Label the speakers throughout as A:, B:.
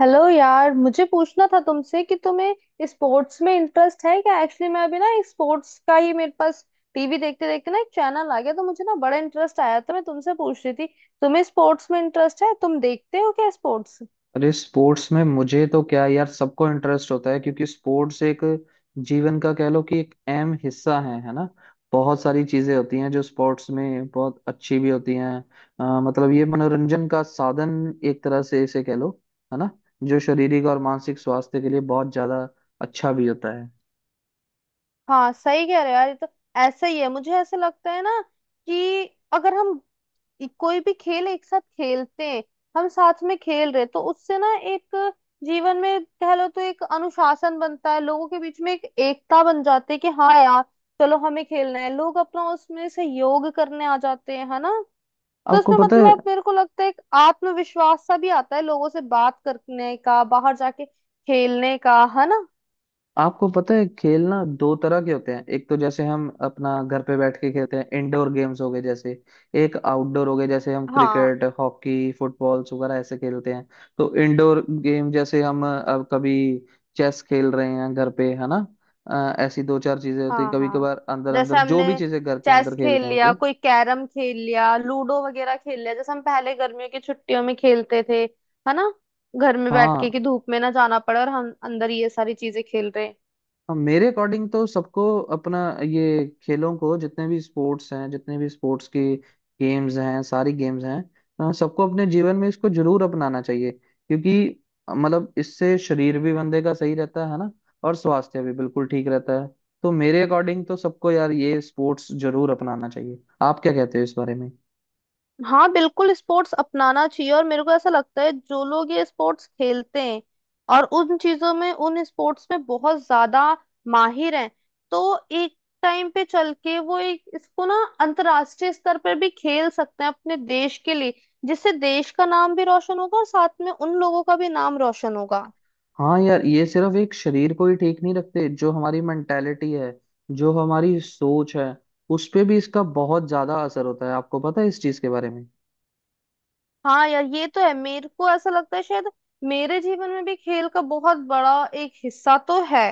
A: Hello यार, मुझे पूछना था तुमसे कि तुम्हें स्पोर्ट्स में इंटरेस्ट है क्या? एक्चुअली मैं अभी ना एक स्पोर्ट्स का ही मेरे पास टीवी देखते देखते ना एक चैनल आ गया, तो मुझे ना बड़ा इंटरेस्ट आया, तो मैं तुमसे पूछ रही थी तुम्हें स्पोर्ट्स में इंटरेस्ट है, तुम देखते हो क्या स्पोर्ट्स?
B: अरे स्पोर्ट्स में मुझे तो क्या यार सबको इंटरेस्ट होता है क्योंकि स्पोर्ट्स एक जीवन का कह लो कि एक अहम हिस्सा है ना। बहुत सारी चीजें होती हैं जो स्पोर्ट्स में बहुत अच्छी भी होती हैं। मतलब ये मनोरंजन का साधन एक तरह से इसे कह लो, है ना। जो शारीरिक और मानसिक स्वास्थ्य के लिए बहुत ज्यादा अच्छा भी होता है।
A: हाँ, सही कह रहे हो यार, ये तो ऐसा ही है। मुझे ऐसा लगता है ना कि अगर हम ये कोई भी खेल एक साथ खेलते हैं, हम साथ में खेल रहे तो उससे ना एक जीवन में कह लो तो एक अनुशासन बनता है, लोगों के बीच में एक एकता बन जाती है कि हाँ यार, चलो हमें खेलना है, लोग अपना उसमें सहयोग करने आ जाते हैं, है ना। तो
B: आपको
A: उसमें
B: पता है,
A: मतलब मेरे को लगता है एक आत्मविश्वास सा भी आता है लोगों से बात करने का, बाहर जाके खेलने का, है ना।
B: आपको पता है खेलना दो तरह के होते हैं। एक तो जैसे हम अपना घर पे बैठ के खेलते हैं, इंडोर गेम्स हो गए, जैसे एक आउटडोर हो गए जैसे हम
A: हाँ
B: क्रिकेट, हॉकी, फुटबॉल वगैरह ऐसे खेलते हैं। तो इंडोर गेम जैसे हम अब कभी चेस खेल रहे हैं घर पे, है ना। ऐसी दो चार चीजें होती
A: हाँ
B: कभी
A: हाँ
B: कभार, अंदर
A: जैसे
B: अंदर जो
A: हमने
B: भी चीजें घर के
A: चेस
B: अंदर
A: खेल
B: खेलते हैं
A: लिया,
B: मतलब।
A: कोई कैरम खेल लिया, लूडो वगैरह खेल लिया, जैसे हम पहले गर्मियों की छुट्टियों में खेलते थे, है ना, घर में बैठ
B: हाँ
A: के कि धूप में ना जाना पड़े और हम अंदर ये सारी चीजें खेल रहे हैं।
B: हाँ, मेरे अकॉर्डिंग तो सबको अपना ये खेलों को, जितने भी स्पोर्ट्स हैं, जितने भी स्पोर्ट्स की गेम्स हैं, सारी गेम्स हैं, सबको अपने जीवन में इसको जरूर अपनाना चाहिए। क्योंकि मतलब इससे शरीर भी बंदे का सही रहता है ना, और स्वास्थ्य भी बिल्कुल ठीक रहता है। तो मेरे अकॉर्डिंग तो सबको यार ये स्पोर्ट्स जरूर अपनाना चाहिए। आप क्या कहते हो इस बारे में?
A: हाँ, बिल्कुल स्पोर्ट्स अपनाना चाहिए, और मेरे को ऐसा लगता है जो लोग ये स्पोर्ट्स खेलते हैं और उन चीजों में, उन स्पोर्ट्स में बहुत ज्यादा माहिर हैं, तो एक टाइम पे चल के वो एक इसको ना अंतर्राष्ट्रीय स्तर पर भी खेल सकते हैं अपने देश के लिए, जिससे देश का नाम भी रोशन होगा और साथ में उन लोगों का भी नाम रोशन होगा।
B: हाँ यार, ये सिर्फ एक शरीर को ही ठीक नहीं रखते। जो हमारी मेंटेलिटी है, जो हमारी सोच है, उस पे भी इसका बहुत ज्यादा असर होता है। आपको पता है इस चीज के बारे में?
A: हाँ यार, ये तो है। मेरे को ऐसा लगता है शायद मेरे जीवन में भी खेल का बहुत बड़ा एक हिस्सा तो है,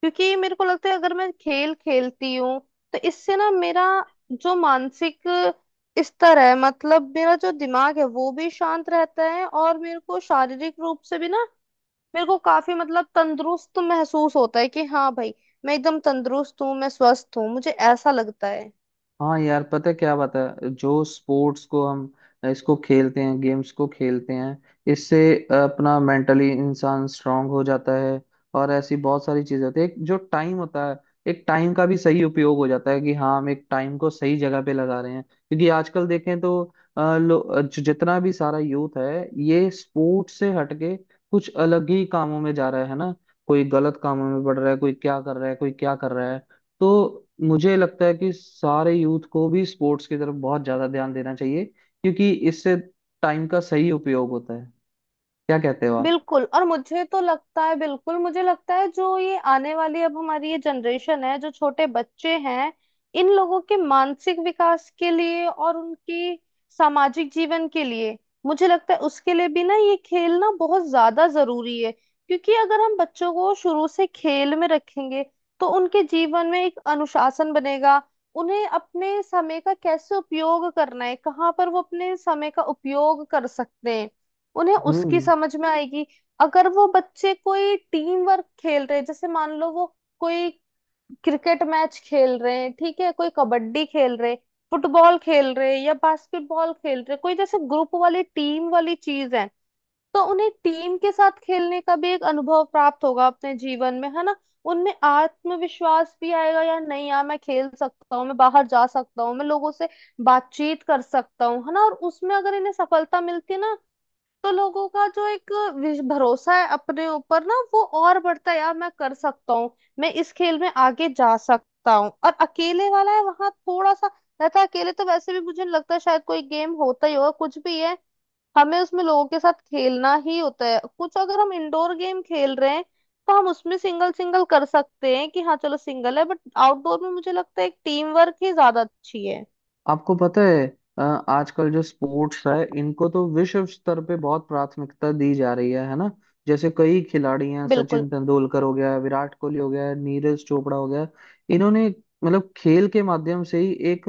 A: क्योंकि मेरे को लगता है अगर मैं खेल खेलती हूँ तो इससे ना मेरा जो मानसिक स्तर है, मतलब मेरा जो दिमाग है वो भी शांत रहता है, और मेरे को शारीरिक रूप से भी ना मेरे को काफी मतलब तंदुरुस्त महसूस होता है कि हाँ भाई, मैं एकदम तंदुरुस्त हूँ, मैं स्वस्थ हूँ, मुझे ऐसा लगता है।
B: हाँ यार, पता है क्या बात है, जो स्पोर्ट्स को हम इसको खेलते हैं, गेम्स को खेलते हैं, इससे अपना मेंटली इंसान स्ट्रांग हो जाता है। और ऐसी बहुत सारी चीजें होती है, एक जो टाइम होता है, एक टाइम का भी सही उपयोग हो जाता है कि हाँ हम एक टाइम को सही जगह पे लगा रहे हैं। क्योंकि आजकल देखें तो जितना भी सारा यूथ है ये स्पोर्ट्स से हटके कुछ अलग ही कामों में जा रहा है ना। कोई गलत कामों में बढ़ रहा है, कोई क्या कर रहा है, कोई क्या कर रहा है। तो मुझे लगता है कि सारे यूथ को भी स्पोर्ट्स की तरफ बहुत ज्यादा ध्यान देना चाहिए, क्योंकि इससे टाइम का सही उपयोग होता है। क्या कहते हो आप?
A: बिल्कुल। और मुझे तो लगता है बिल्कुल, मुझे लगता है जो ये आने वाली अब हमारी ये जनरेशन है, जो छोटे बच्चे हैं, इन लोगों के मानसिक विकास के लिए और उनकी सामाजिक जीवन के लिए, मुझे लगता है उसके लिए भी ना ये खेल ना बहुत ज्यादा जरूरी है, क्योंकि अगर हम बच्चों को शुरू से खेल में रखेंगे तो उनके जीवन में एक अनुशासन बनेगा। उन्हें अपने समय का कैसे उपयोग करना है, कहाँ पर वो अपने समय का उपयोग कर सकते हैं, उन्हें उसकी
B: हम्म।
A: समझ में आएगी। अगर वो बच्चे कोई टीम वर्क खेल रहे हैं, जैसे मान लो वो कोई क्रिकेट मैच खेल रहे हैं, ठीक है, कोई कबड्डी खेल रहे, फुटबॉल खेल रहे या बास्केटबॉल खेल रहे, कोई जैसे ग्रुप वाली टीम वाली चीज है, तो उन्हें टीम के साथ खेलने का भी एक अनुभव प्राप्त होगा अपने जीवन में, है ना। उनमें आत्मविश्वास भी आएगा यार, नहीं यार मैं खेल सकता हूँ, मैं बाहर जा सकता हूँ, मैं लोगों से बातचीत कर सकता हूँ, है ना। और उसमें अगर इन्हें सफलता मिलती है ना, तो लोगों का जो एक भरोसा है अपने ऊपर ना, वो और बढ़ता है। यार मैं कर सकता हूँ, मैं इस खेल में आगे जा सकता हूँ। और अकेले वाला है वहां थोड़ा सा रहता है, अकेले तो वैसे भी मुझे नहीं लगता शायद कोई गेम होता ही होगा, कुछ भी है हमें उसमें लोगों के साथ खेलना ही होता है। कुछ अगर हम इंडोर गेम खेल रहे हैं तो हम उसमें सिंगल सिंगल कर सकते हैं कि हाँ चलो सिंगल है, बट आउटडोर में मुझे लगता है एक टीम वर्क ही ज्यादा अच्छी है।
B: आपको पता है, अ, आजकल जो स्पोर्ट्स है इनको तो विश्व स्तर पे बहुत प्राथमिकता दी जा रही है ना। जैसे कई खिलाड़ी हैं,
A: बिल्कुल।
B: सचिन तेंदुलकर हो गया, विराट कोहली हो गया, नीरज चोपड़ा हो गया। इन्होंने मतलब खेल के माध्यम से ही एक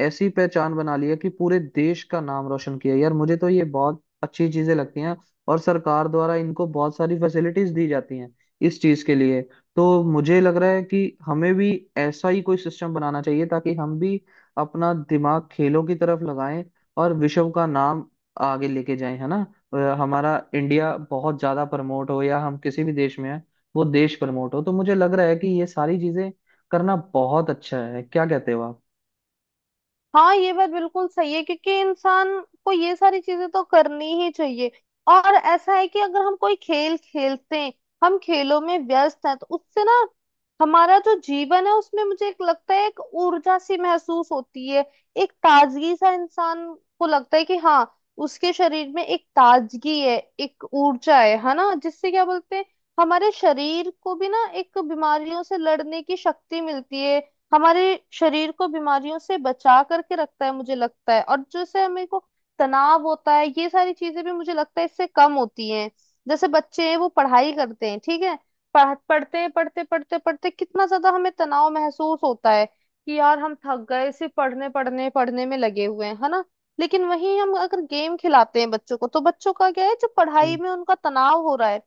B: ऐसी पहचान बना ली है कि पूरे देश का नाम रोशन किया। यार मुझे तो ये बहुत अच्छी चीजें लगती हैं। और सरकार द्वारा इनको बहुत सारी फैसिलिटीज दी जाती हैं इस चीज के लिए। तो मुझे लग रहा है कि हमें भी ऐसा ही कोई सिस्टम बनाना चाहिए ताकि हम भी अपना दिमाग खेलों की तरफ लगाएं और विश्व का नाम आगे लेके जाएं, है ना। हमारा इंडिया बहुत ज्यादा प्रमोट हो, या हम किसी भी देश में हैं वो देश प्रमोट हो, तो मुझे लग रहा है कि ये सारी चीजें करना बहुत अच्छा है। क्या कहते हो
A: हाँ, ये बात बिल्कुल सही है, क्योंकि इंसान को ये सारी चीजें तो करनी ही चाहिए। और ऐसा है कि अगर हम कोई खेल खेलते हैं, हम खेलों में व्यस्त हैं, तो उससे ना हमारा जो जीवन है उसमें मुझे एक लगता है, एक ऊर्जा सी महसूस होती है, एक ताजगी सा इंसान को लगता है कि हाँ उसके शरीर में एक ताजगी है, एक ऊर्जा है ना। जिससे क्या बोलते हैं, हमारे शरीर को भी ना एक बीमारियों से लड़ने की शक्ति मिलती है, हमारे शरीर को बीमारियों से बचा करके रखता है मुझे लगता है। और जैसे हमें को तनाव होता है, ये सारी चीजें भी मुझे लगता है इससे कम होती हैं। जैसे बच्चे हैं, वो पढ़ाई करते हैं, ठीक है, पढ़ते हैं, पढ़ते पढ़ते पढ़ते कितना ज्यादा हमें तनाव महसूस होता है कि यार हम थक गए, सिर्फ पढ़ने पढ़ने पढ़ने में लगे हुए हैं, है ना। लेकिन वहीं हम अगर गेम खिलाते हैं बच्चों को, तो बच्चों का क्या है, जो पढ़ाई
B: आप?
A: में उनका तनाव हो रहा है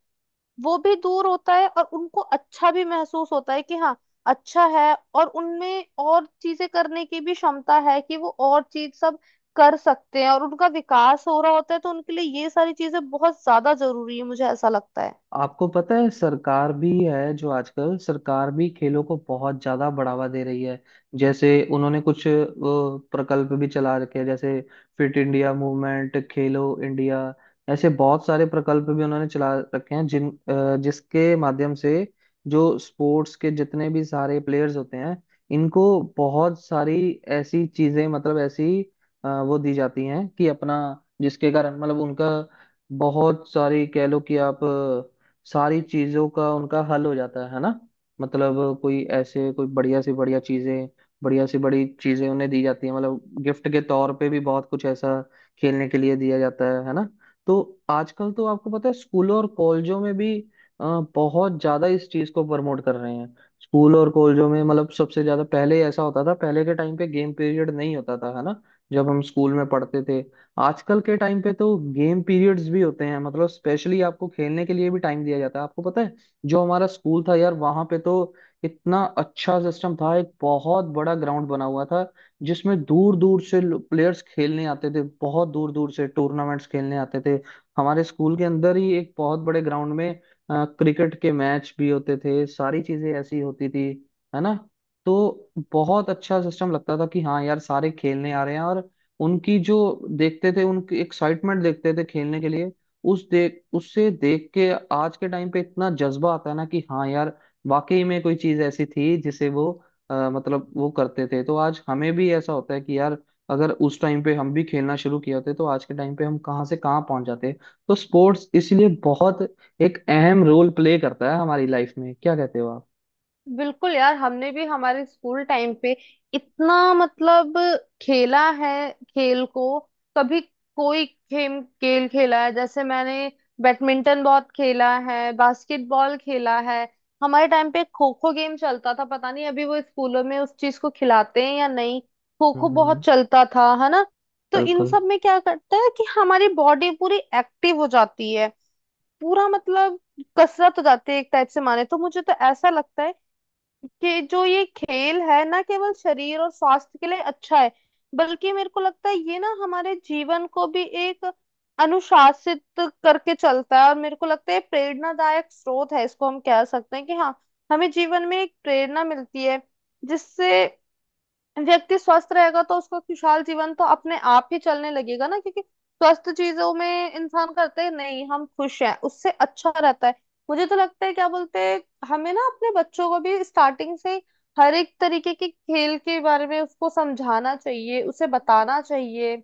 A: वो भी दूर होता है, और उनको अच्छा भी महसूस होता है कि हाँ अच्छा है, और उनमें और चीजें करने की भी क्षमता है कि वो और चीज सब कर सकते हैं, और उनका विकास हो रहा होता है। तो उनके लिए ये सारी चीजें बहुत ज्यादा जरूरी है, मुझे ऐसा लगता है।
B: आपको पता है सरकार भी है, जो आजकल सरकार भी खेलों को बहुत ज्यादा बढ़ावा दे रही है। जैसे उन्होंने कुछ वो प्रकल्प भी चला रखे हैं, जैसे फिट इंडिया मूवमेंट, खेलो इंडिया, ऐसे बहुत सारे प्रकल्प भी उन्होंने चला रखे हैं। जिसके माध्यम से जो स्पोर्ट्स के जितने भी सारे प्लेयर्स होते हैं, इनको बहुत सारी ऐसी चीजें, मतलब ऐसी वो दी जाती हैं कि अपना, जिसके कारण मतलब उनका बहुत सारी कह लो कि आप सारी चीजों का उनका हल हो जाता है ना। मतलब कोई ऐसे कोई बढ़िया से बढ़िया चीजें, बढ़िया से बड़ी चीजें उन्हें दी जाती है। मतलब गिफ्ट के तौर पे भी बहुत कुछ ऐसा खेलने के लिए दिया जाता है ना। तो आजकल तो आपको पता है स्कूलों और कॉलेजों में भी अ, बहुत ज्यादा इस चीज को प्रमोट कर रहे हैं। स्कूल और कॉलेजों में मतलब सबसे ज्यादा, पहले ऐसा होता था, पहले के टाइम पे गेम पीरियड नहीं होता था, है ना, जब हम स्कूल में पढ़ते थे। आजकल के टाइम पे तो गेम पीरियड्स भी होते हैं, मतलब स्पेशली आपको खेलने के लिए भी टाइम दिया जाता है। आपको पता है, जो हमारा स्कूल था यार, वहां पे तो इतना अच्छा सिस्टम था, एक बहुत बड़ा ग्राउंड बना हुआ था, जिसमें दूर दूर से प्लेयर्स खेलने आते थे, बहुत दूर दूर से टूर्नामेंट्स खेलने आते थे। हमारे स्कूल के अंदर ही एक बहुत बड़े ग्राउंड में क्रिकेट के मैच भी होते थे, सारी चीजें ऐसी होती थी, है ना। तो बहुत अच्छा सिस्टम लगता था कि हाँ यार सारे खेलने आ रहे हैं, और उनकी जो देखते थे, उनकी एक्साइटमेंट देखते थे खेलने के लिए, उस देख उससे देख के आज के टाइम पे इतना जज्बा आता है ना कि हाँ यार वाकई में कोई चीज ऐसी थी जिसे वो मतलब वो करते थे। तो आज हमें भी ऐसा होता है कि यार अगर उस टाइम पे हम भी खेलना शुरू किया होते तो आज के टाइम पे हम कहाँ से कहाँ पहुंच जाते। तो स्पोर्ट्स इसलिए बहुत एक अहम रोल प्ले करता है हमारी लाइफ में। क्या कहते हो आप?
A: बिल्कुल यार, हमने भी हमारे स्कूल टाइम पे इतना मतलब खेला है, खेल को कभी कोई खेम खेल खेला है, जैसे मैंने बैडमिंटन बहुत खेला है, बास्केटबॉल खेला है। हमारे टाइम पे खो खो गेम चलता था, पता नहीं अभी वो स्कूलों में उस चीज को खिलाते हैं या नहीं, खो खो
B: हम्म,
A: बहुत चलता था, है ना। तो इन
B: बिल्कुल।
A: सब में क्या करता है कि हमारी बॉडी पूरी एक्टिव हो जाती है, पूरा मतलब कसरत हो जाती है एक टाइप से माने तो। मुझे तो ऐसा लगता है कि जो ये खेल है ना, केवल शरीर और स्वास्थ्य के लिए अच्छा है, बल्कि मेरे को लगता है ये ना हमारे जीवन को भी एक अनुशासित करके चलता है, और मेरे को लगता है प्रेरणादायक स्रोत है, इसको हम कह सकते हैं कि हाँ, हमें जीवन में एक प्रेरणा मिलती है, जिससे व्यक्ति स्वस्थ रहेगा तो उसका खुशहाल जीवन तो अपने आप ही चलने लगेगा ना, क्योंकि स्वस्थ चीजों में इंसान करते हैं, नहीं हम खुश हैं उससे अच्छा रहता है। मुझे तो लगता है, क्या बोलते हैं, हमें ना अपने बच्चों को भी स्टार्टिंग से ही हर एक तरीके के खेल के बारे में उसको समझाना चाहिए, उसे बताना चाहिए,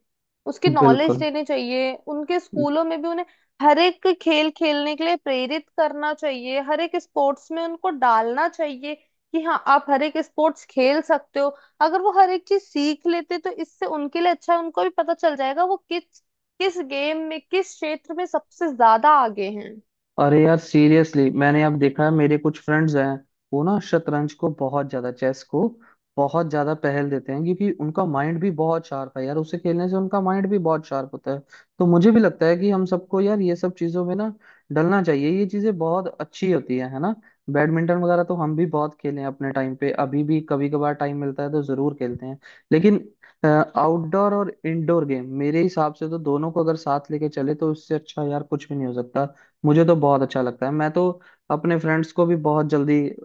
A: उसकी नॉलेज
B: बिल्कुल
A: देनी चाहिए, उनके
B: कि अ
A: स्कूलों में भी उन्हें हर एक खेल खेलने के लिए प्रेरित करना चाहिए, हर एक स्पोर्ट्स में उनको डालना चाहिए, कि हाँ आप हर एक स्पोर्ट्स खेल सकते हो। अगर वो हर एक चीज सीख लेते तो इससे उनके लिए अच्छा है, उनको भी पता चल जाएगा वो किस किस गेम में, किस क्षेत्र में सबसे ज्यादा आगे हैं।
B: अरे यार, सीरियसली मैंने अब देखा है मेरे कुछ फ्रेंड्स हैं, वो ना शतरंज को बहुत ज्यादा, चेस को बहुत ज्यादा पहल देते हैं, क्योंकि उनका माइंड भी बहुत शार्प है यार। उसे खेलने से उनका माइंड भी बहुत शार्प होता है। तो मुझे भी लगता है कि हम सबको यार ये सब चीजों में ना डलना चाहिए, ये चीजें बहुत अच्छी होती है ना। बैडमिंटन वगैरह तो हम भी बहुत खेले हैं अपने टाइम पे, अभी भी कभी कभार टाइम मिलता है तो जरूर खेलते हैं। लेकिन आउटडोर और इंडोर गेम मेरे हिसाब से तो दोनों को अगर साथ लेके चले तो इससे अच्छा यार कुछ भी नहीं हो सकता। मुझे तो बहुत अच्छा लगता है। मैं तो अपने फ्रेंड्स को भी बहुत जल्दी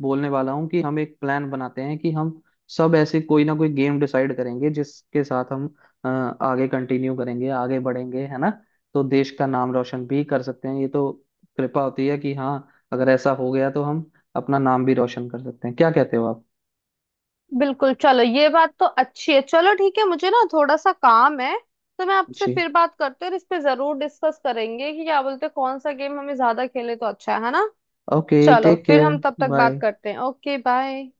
B: बोलने वाला हूँ कि हम एक प्लान बनाते हैं कि हम सब ऐसे कोई ना कोई गेम डिसाइड करेंगे जिसके साथ हम आगे कंटिन्यू करेंगे, आगे बढ़ेंगे, है ना। तो देश का नाम रोशन भी कर सकते हैं, ये तो कृपा होती है कि हाँ अगर ऐसा हो गया तो हम अपना नाम भी रोशन कर सकते हैं। क्या कहते हो आप?
A: बिल्कुल, चलो ये बात तो अच्छी है। चलो ठीक है, मुझे ना थोड़ा सा काम है, तो मैं आपसे
B: जी,
A: फिर बात करते हैं, और इस पे जरूर डिस्कस करेंगे कि क्या बोलते हैं कौन सा गेम हमें ज्यादा खेले तो अच्छा है ना।
B: ओके,
A: चलो
B: टेक
A: फिर
B: केयर।
A: हम तब तक बात
B: बाय।
A: करते हैं, ओके बाय।